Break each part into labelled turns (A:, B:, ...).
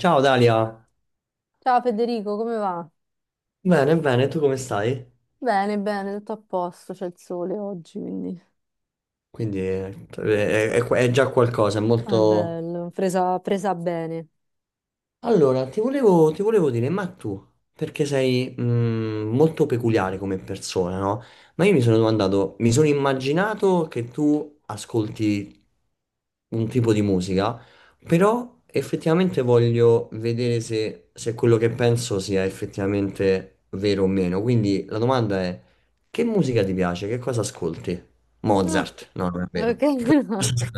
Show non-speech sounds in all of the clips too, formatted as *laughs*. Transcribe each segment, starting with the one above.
A: Ciao Dalia,
B: Ciao Federico, come va?
A: bene, bene, tu come stai?
B: Bene, bene, tutto a posto, c'è il sole oggi, quindi
A: Quindi è, è già qualcosa, è
B: è
A: molto,
B: bello, presa bene.
A: allora, ti volevo dire, ma tu, perché sei molto peculiare come persona, no? Ma io mi sono domandato, mi sono immaginato che tu ascolti un tipo di musica, però effettivamente voglio vedere se, se quello che penso sia effettivamente vero o meno. Quindi la domanda è, che musica ti piace? Che cosa ascolti?
B: Ok,
A: Mozart? No, non è
B: ok,
A: vero.
B: *laughs* no.
A: *laughs*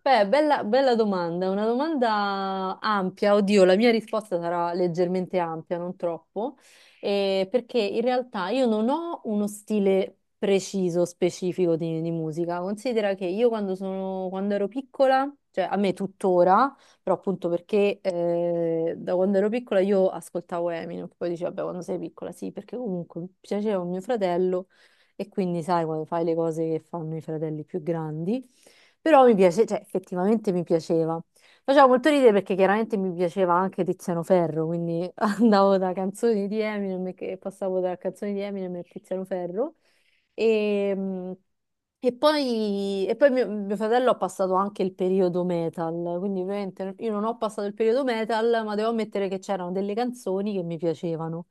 B: Beh, bella domanda, una domanda ampia. Oddio, la mia risposta sarà leggermente ampia, non troppo, perché in realtà io non ho uno stile preciso, specifico di musica. Considera che io quando sono, quando ero piccola, cioè a me tuttora, però appunto perché da quando ero piccola io ascoltavo Eminem, poi dicevo, vabbè, quando sei piccola, sì, perché comunque mi piaceva mio fratello e quindi sai quando fai le cose che fanno i fratelli più grandi, però mi piace, cioè effettivamente mi piaceva. Faceva molto ridere perché chiaramente mi piaceva anche Tiziano Ferro, quindi *laughs* andavo da canzoni di Eminem che passavo da canzoni di Eminem a Tiziano Ferro. E, mh, e poi mio fratello ha passato anche il periodo metal, quindi ovviamente io non ho passato il periodo metal, ma devo ammettere che c'erano delle canzoni che mi piacevano.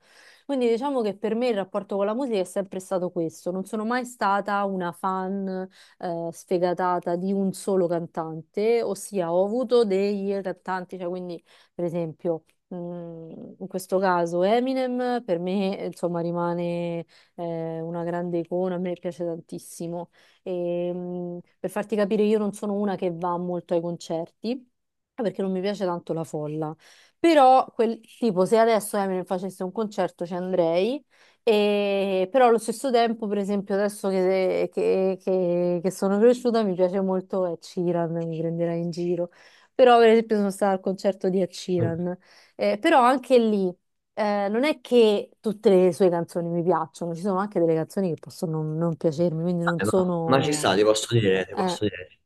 B: Quindi diciamo che per me il rapporto con la musica è sempre stato questo. Non sono mai stata una fan sfegatata di un solo cantante, ossia ho avuto dei cantanti, cioè quindi per esempio mh, in questo caso Eminem per me insomma rimane una grande icona, a me piace tantissimo. Per farti capire io non sono una che va molto ai concerti perché non mi piace tanto la folla. Però, quel, tipo, se adesso Eminem facesse un concerto ci andrei, e, però allo stesso tempo, per esempio, adesso che sono cresciuta mi piace molto Ed Sheeran, mi prenderà in giro. Però, per esempio, sono stata al concerto di Ed Sheeran. Però anche lì, non è che tutte le sue canzoni mi piacciono, ci sono anche delle canzoni che possono non piacermi, quindi non
A: Vabbè, ma ci
B: sono...
A: sta,
B: eh,
A: ti
B: eh,
A: posso dire.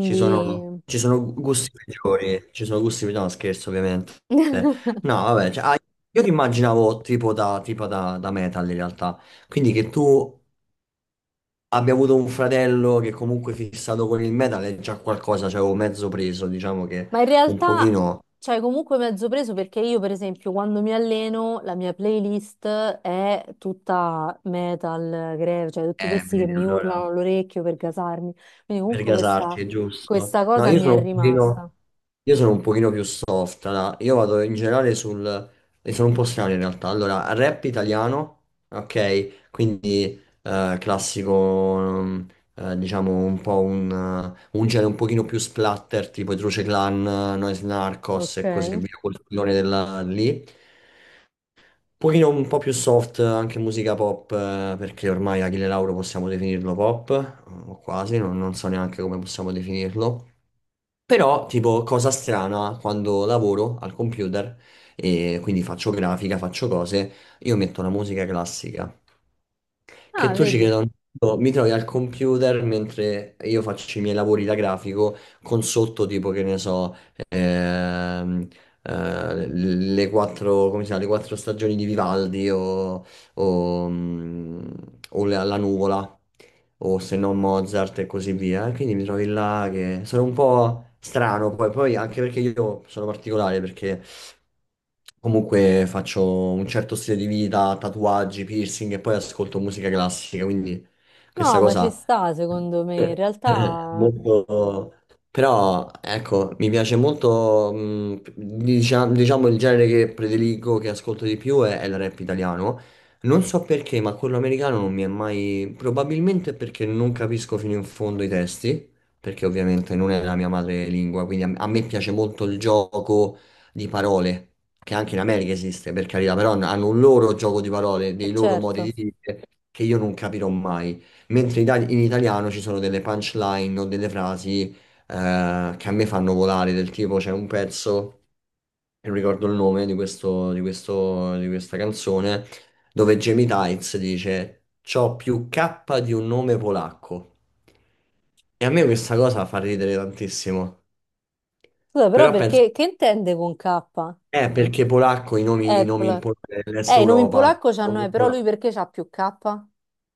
A: Ci sono gusti peggiori, ci sono gusti peggiori, no scherzo ovviamente.
B: *laughs*
A: No, vabbè, cioè, ah, io ti immaginavo tipo da, da metal in realtà, quindi che tu abbia avuto un fratello che comunque è fissato con il metal è già qualcosa, cioè avevo mezzo preso, diciamo che
B: Ma in
A: un
B: realtà,
A: pochino...
B: cioè, comunque mezzo preso perché io, per esempio, quando mi alleno, la mia playlist è tutta metal, grave, cioè tutti questi che
A: Vedi,
B: mi urlano
A: allora...
B: all'orecchio per gasarmi. Quindi
A: Per
B: comunque
A: gasarci, è giusto.
B: questa
A: No,
B: cosa
A: io
B: mi
A: sono
B: è
A: un
B: rimasta.
A: pochino, io sono un pochino più soft. Allora, io vado in generale sul... E sono un po' strano in realtà. Allora, rap italiano, ok? Quindi classico, diciamo, un po' un genere un pochino più splatter, tipo i Truce Clan, Noise Narcos
B: Ok.
A: e così via, quel lì pochino un po' più soft, anche musica pop, perché ormai Achille Lauro possiamo definirlo pop, o quasi, non, non so neanche come possiamo definirlo. Però, tipo, cosa strana, quando lavoro al computer e quindi faccio grafica, faccio cose, io metto la musica classica che
B: Ah,
A: tu ci
B: vedi?
A: creda o no, mi trovi al computer mentre io faccio i miei lavori da grafico con sotto tipo che ne so, ehm, le quattro, come si chiama, le quattro stagioni di Vivaldi o, o la, la nuvola o se no Mozart e così via. Quindi mi trovi là che sono un po' strano poi, poi anche perché io sono particolare perché comunque faccio un certo stile di vita, tatuaggi, piercing e poi ascolto musica classica, quindi questa
B: No, ma ci
A: cosa
B: sta, secondo
A: *coughs*
B: me. In
A: eh,
B: realtà,
A: molto... Però, ecco, mi piace molto, diciamo, il genere che prediligo, che ascolto di più è il rap italiano. Non so perché, ma quello americano non mi è mai... Probabilmente perché non capisco fino in fondo i testi, perché ovviamente non è la mia madrelingua, quindi a me piace molto il gioco di parole, che anche in America esiste, per carità, però hanno un loro gioco di parole,
B: è
A: dei loro modi di
B: certo.
A: dire che io non capirò mai. Mentre in italiano ci sono delle punchline o delle frasi che a me fanno volare, del tipo c'è un pezzo, non ricordo il nome di questo, di questa canzone, dove Jamie Tights dice c'ho più K di un nome polacco. E a me questa cosa fa ridere tantissimo.
B: Scusa, però
A: Però penso.
B: perché, che intende con K?
A: Perché polacco i nomi,
B: Apple.
A: Nell'est
B: In nome in
A: Europa,
B: polacco c'hanno E, però lui perché c'ha più K?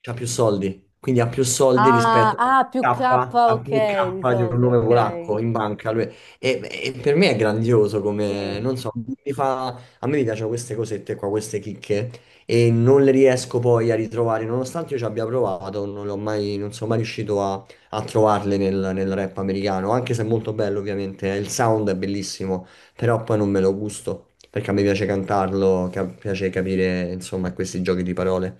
A: c'ha più soldi, quindi ha più soldi
B: Ah,
A: rispetto
B: ah, più K,
A: a K, ha
B: ok,
A: più K
B: di
A: di un
B: soldi,
A: nome
B: ok.
A: polacco in banca. E per me è grandioso come,
B: Sì.
A: non so, a me mi piacciono queste cosette qua, queste chicche, e non le riesco poi a ritrovare, nonostante io ci abbia provato, non l'ho mai, non sono mai riuscito a, a trovarle nel, nel rap americano, anche se è molto bello ovviamente, il sound è bellissimo, però poi non me lo gusto. Perché a me piace cantarlo, piace capire, insomma, questi giochi di parole.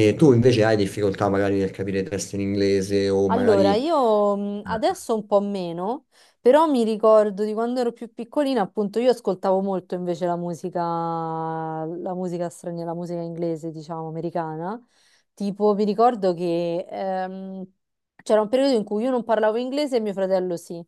A: E tu invece hai difficoltà magari nel capire testi in inglese o
B: Allora,
A: magari,
B: io adesso un po' meno, però mi ricordo di quando ero più piccolina, appunto, io ascoltavo molto invece la musica straniera, la musica inglese, diciamo, americana. Tipo, mi ricordo che c'era un periodo in cui io non parlavo inglese e mio fratello sì.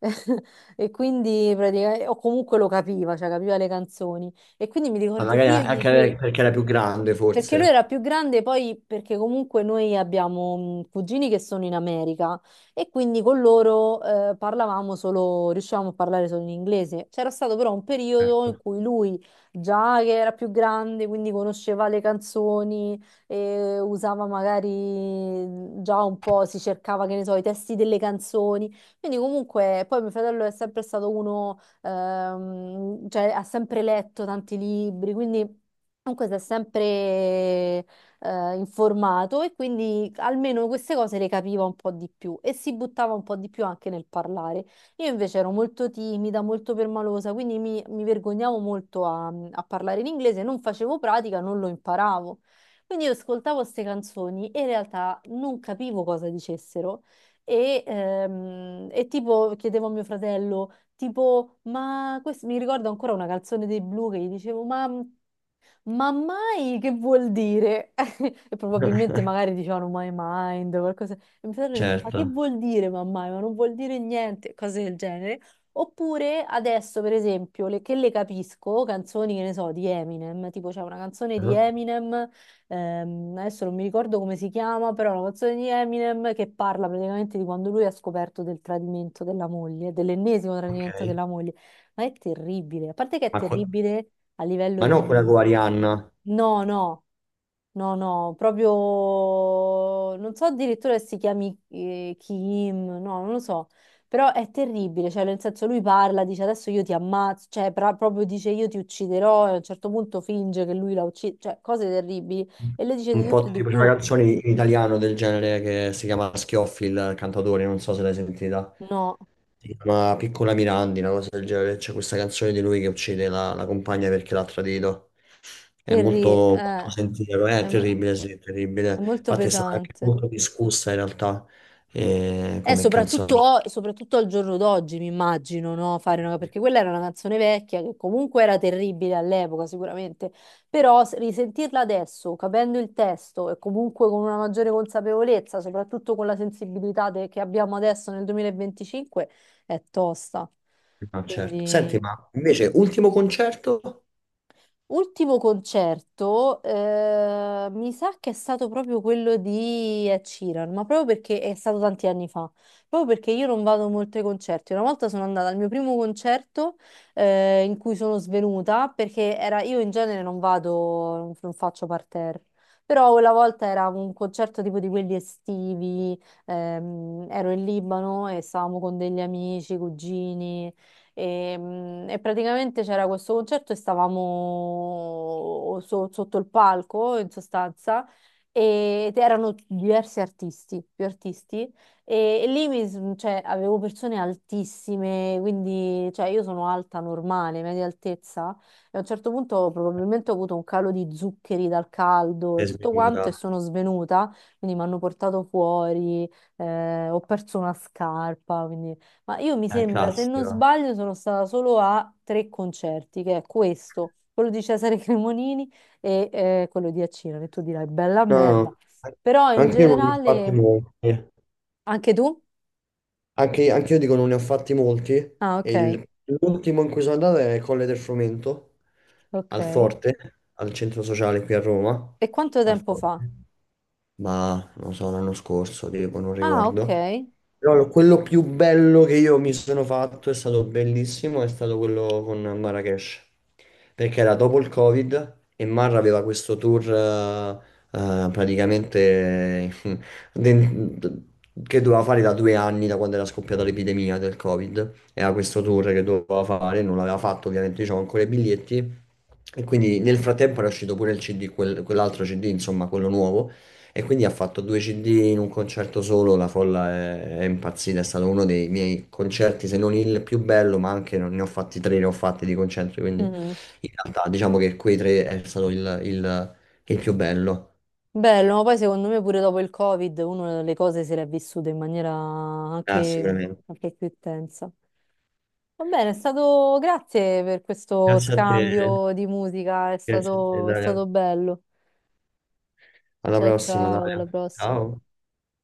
B: *laughs* E quindi praticamente, o comunque lo capiva, cioè capiva le canzoni. E quindi mi
A: ma
B: ricordo
A: magari
B: che io gli
A: anche
B: chiedevo.
A: perché era più grande
B: Perché lui
A: forse.
B: era più grande, poi perché comunque noi abbiamo cugini che sono in America e quindi con loro parlavamo solo, riuscivamo a parlare solo in inglese. C'era stato però un periodo
A: Ecco.
B: in cui lui, già che era più grande, quindi conosceva le canzoni, e usava magari già un po', si cercava, che ne so, i testi delle canzoni. Quindi comunque, poi mio fratello è sempre stato uno, cioè ha sempre letto tanti libri, quindi... Comunque si è sempre informato e quindi almeno queste cose le capiva un po' di più e si buttava un po' di più anche nel parlare. Io invece ero molto timida, molto permalosa, quindi mi vergognavo molto a parlare in inglese, non facevo pratica, non lo imparavo. Quindi io ascoltavo queste canzoni e in realtà non capivo cosa dicessero e tipo chiedevo a mio fratello, tipo, ma questo mi ricordo ancora una canzone dei Blu che gli dicevo, ma... Ma mai che vuol dire? *laughs* E probabilmente
A: *laughs*
B: magari dicevano my mind, qualcosa. E mio fratello dice, ma che
A: Certo.
B: vuol dire ma mai? Ma non vuol dire niente, cose del genere. Oppure adesso, per esempio, le- che le capisco, canzoni, che ne so, di Eminem, tipo c'è una canzone di
A: Mhm.
B: Eminem, adesso non mi ricordo come si chiama, però è una canzone di Eminem che parla praticamente di quando lui ha scoperto del tradimento della moglie, dell'ennesimo tradimento
A: Ok.
B: della moglie. Ma è terribile, a parte che è
A: Ma,
B: terribile a livello
A: ma non quella con
B: di...
A: Arianna,
B: No, no, no, no, proprio non so addirittura se si chiami Kim, no, non lo so, però è terribile, cioè nel senso lui parla, dice adesso io ti ammazzo, cioè pra- proprio dice io ti ucciderò e a un certo punto finge che lui la uccide, cioè cose terribili e lei dice
A: un
B: di tutto
A: po'
B: e di
A: tipo c'è una
B: più,
A: canzone in italiano del genere che si chiama Schioffi il cantatore, non so se l'hai sentita.
B: no,
A: Si chiama Piccola Mirandi, una cosa del genere. C'è questa canzone di lui che uccide la, la compagna perché l'ha tradito. È eh,
B: terri-
A: molto poco
B: eh,
A: sentiero, è
B: è, mo-
A: terribile, sì, è terribile.
B: è molto
A: Infatti è stata anche
B: pesante.
A: molto discussa in realtà
B: Eh,
A: come canzone.
B: soprattutto, soprattutto al giorno d'oggi, mi immagino, no? Fare una- perché quella era una canzone vecchia che comunque era terribile all'epoca, sicuramente, però s- risentirla adesso, capendo il testo e comunque con una maggiore consapevolezza, soprattutto con la sensibilità de- che abbiamo adesso nel 2025, è tosta.
A: Ma certo. Senti,
B: Quindi...
A: ma invece ultimo concerto?
B: Ultimo concerto, mi sa che è stato proprio quello di Ed Sheeran, ma proprio perché è stato tanti anni fa, proprio perché io non vado molto ai concerti. Una volta sono andata al mio primo concerto, in cui sono svenuta, perché era, io in genere non vado, non faccio parterre, però quella volta era un concerto tipo di quelli estivi, ero in Libano e stavamo con degli amici, cugini. E praticamente c'era questo concerto e stavamo so- sotto il palco, in sostanza, e- ed erano diversi artisti, più artisti, e lì mi s- cioè, avevo persone altissime, quindi cioè, io sono alta normale, media altezza, e a un certo punto probabilmente ho avuto un calo di zuccheri dal caldo
A: È
B: e tutto quanto
A: sminuita,
B: e sono svenuta, quindi mi hanno portato fuori, ho perso una scarpa, ma io mi
A: è
B: sembra, se non
A: classico.
B: sbaglio, sono stata solo a tre concerti, che è questo, quello di Cesare *laughs* Cremonini e quello di Accino, che tu dirai bella
A: No,
B: merda.
A: no,
B: Però in
A: anche io non mi infatti
B: generale,
A: molti.
B: anche tu?
A: Anche, anche io dico non ne ho fatti molti.
B: Ah,
A: E
B: ok,
A: l'ultimo in cui sono andato è Colle del Frumento,
B: ok.
A: al Forte, al centro sociale qui a Roma,
B: E quanto
A: al
B: tempo fa?
A: Forte. Ma non so, l'anno scorso, tipo, non
B: Ah, ok.
A: ricordo. Però quello più bello che io mi sono fatto è stato bellissimo, è stato quello con Marrakesh. Perché era dopo il Covid e Marra aveva questo tour praticamente *laughs* den- che doveva fare da 2 anni, da quando era scoppiata l'epidemia del Covid. Era questo tour che doveva fare, non l'aveva fatto, ovviamente, diciamo, ancora i biglietti. E quindi nel frattempo era uscito pure il CD, quell'altro CD, insomma, quello nuovo. E quindi ha fatto 2 CD in un concerto solo, la folla è impazzita, è stato uno dei miei concerti, se non il più bello, ma anche ne ho fatti 3, ne ho fatti di concerti, quindi
B: Mhm.
A: in realtà diciamo che quei 3 è stato il più bello.
B: Bello, ma poi secondo me pure dopo il Covid, uno le cose se le ha vissute in maniera
A: Ah,
B: anche,
A: sicuramente.
B: anche più intensa. Va bene, è stato... Grazie per questo
A: Grazie a te.
B: scambio di musica,
A: Grazie a te,
B: è
A: Dalia.
B: stato bello.
A: Alla
B: Ciao
A: prossima,
B: ciao, alla
A: Dalia.
B: prossima.
A: Ciao.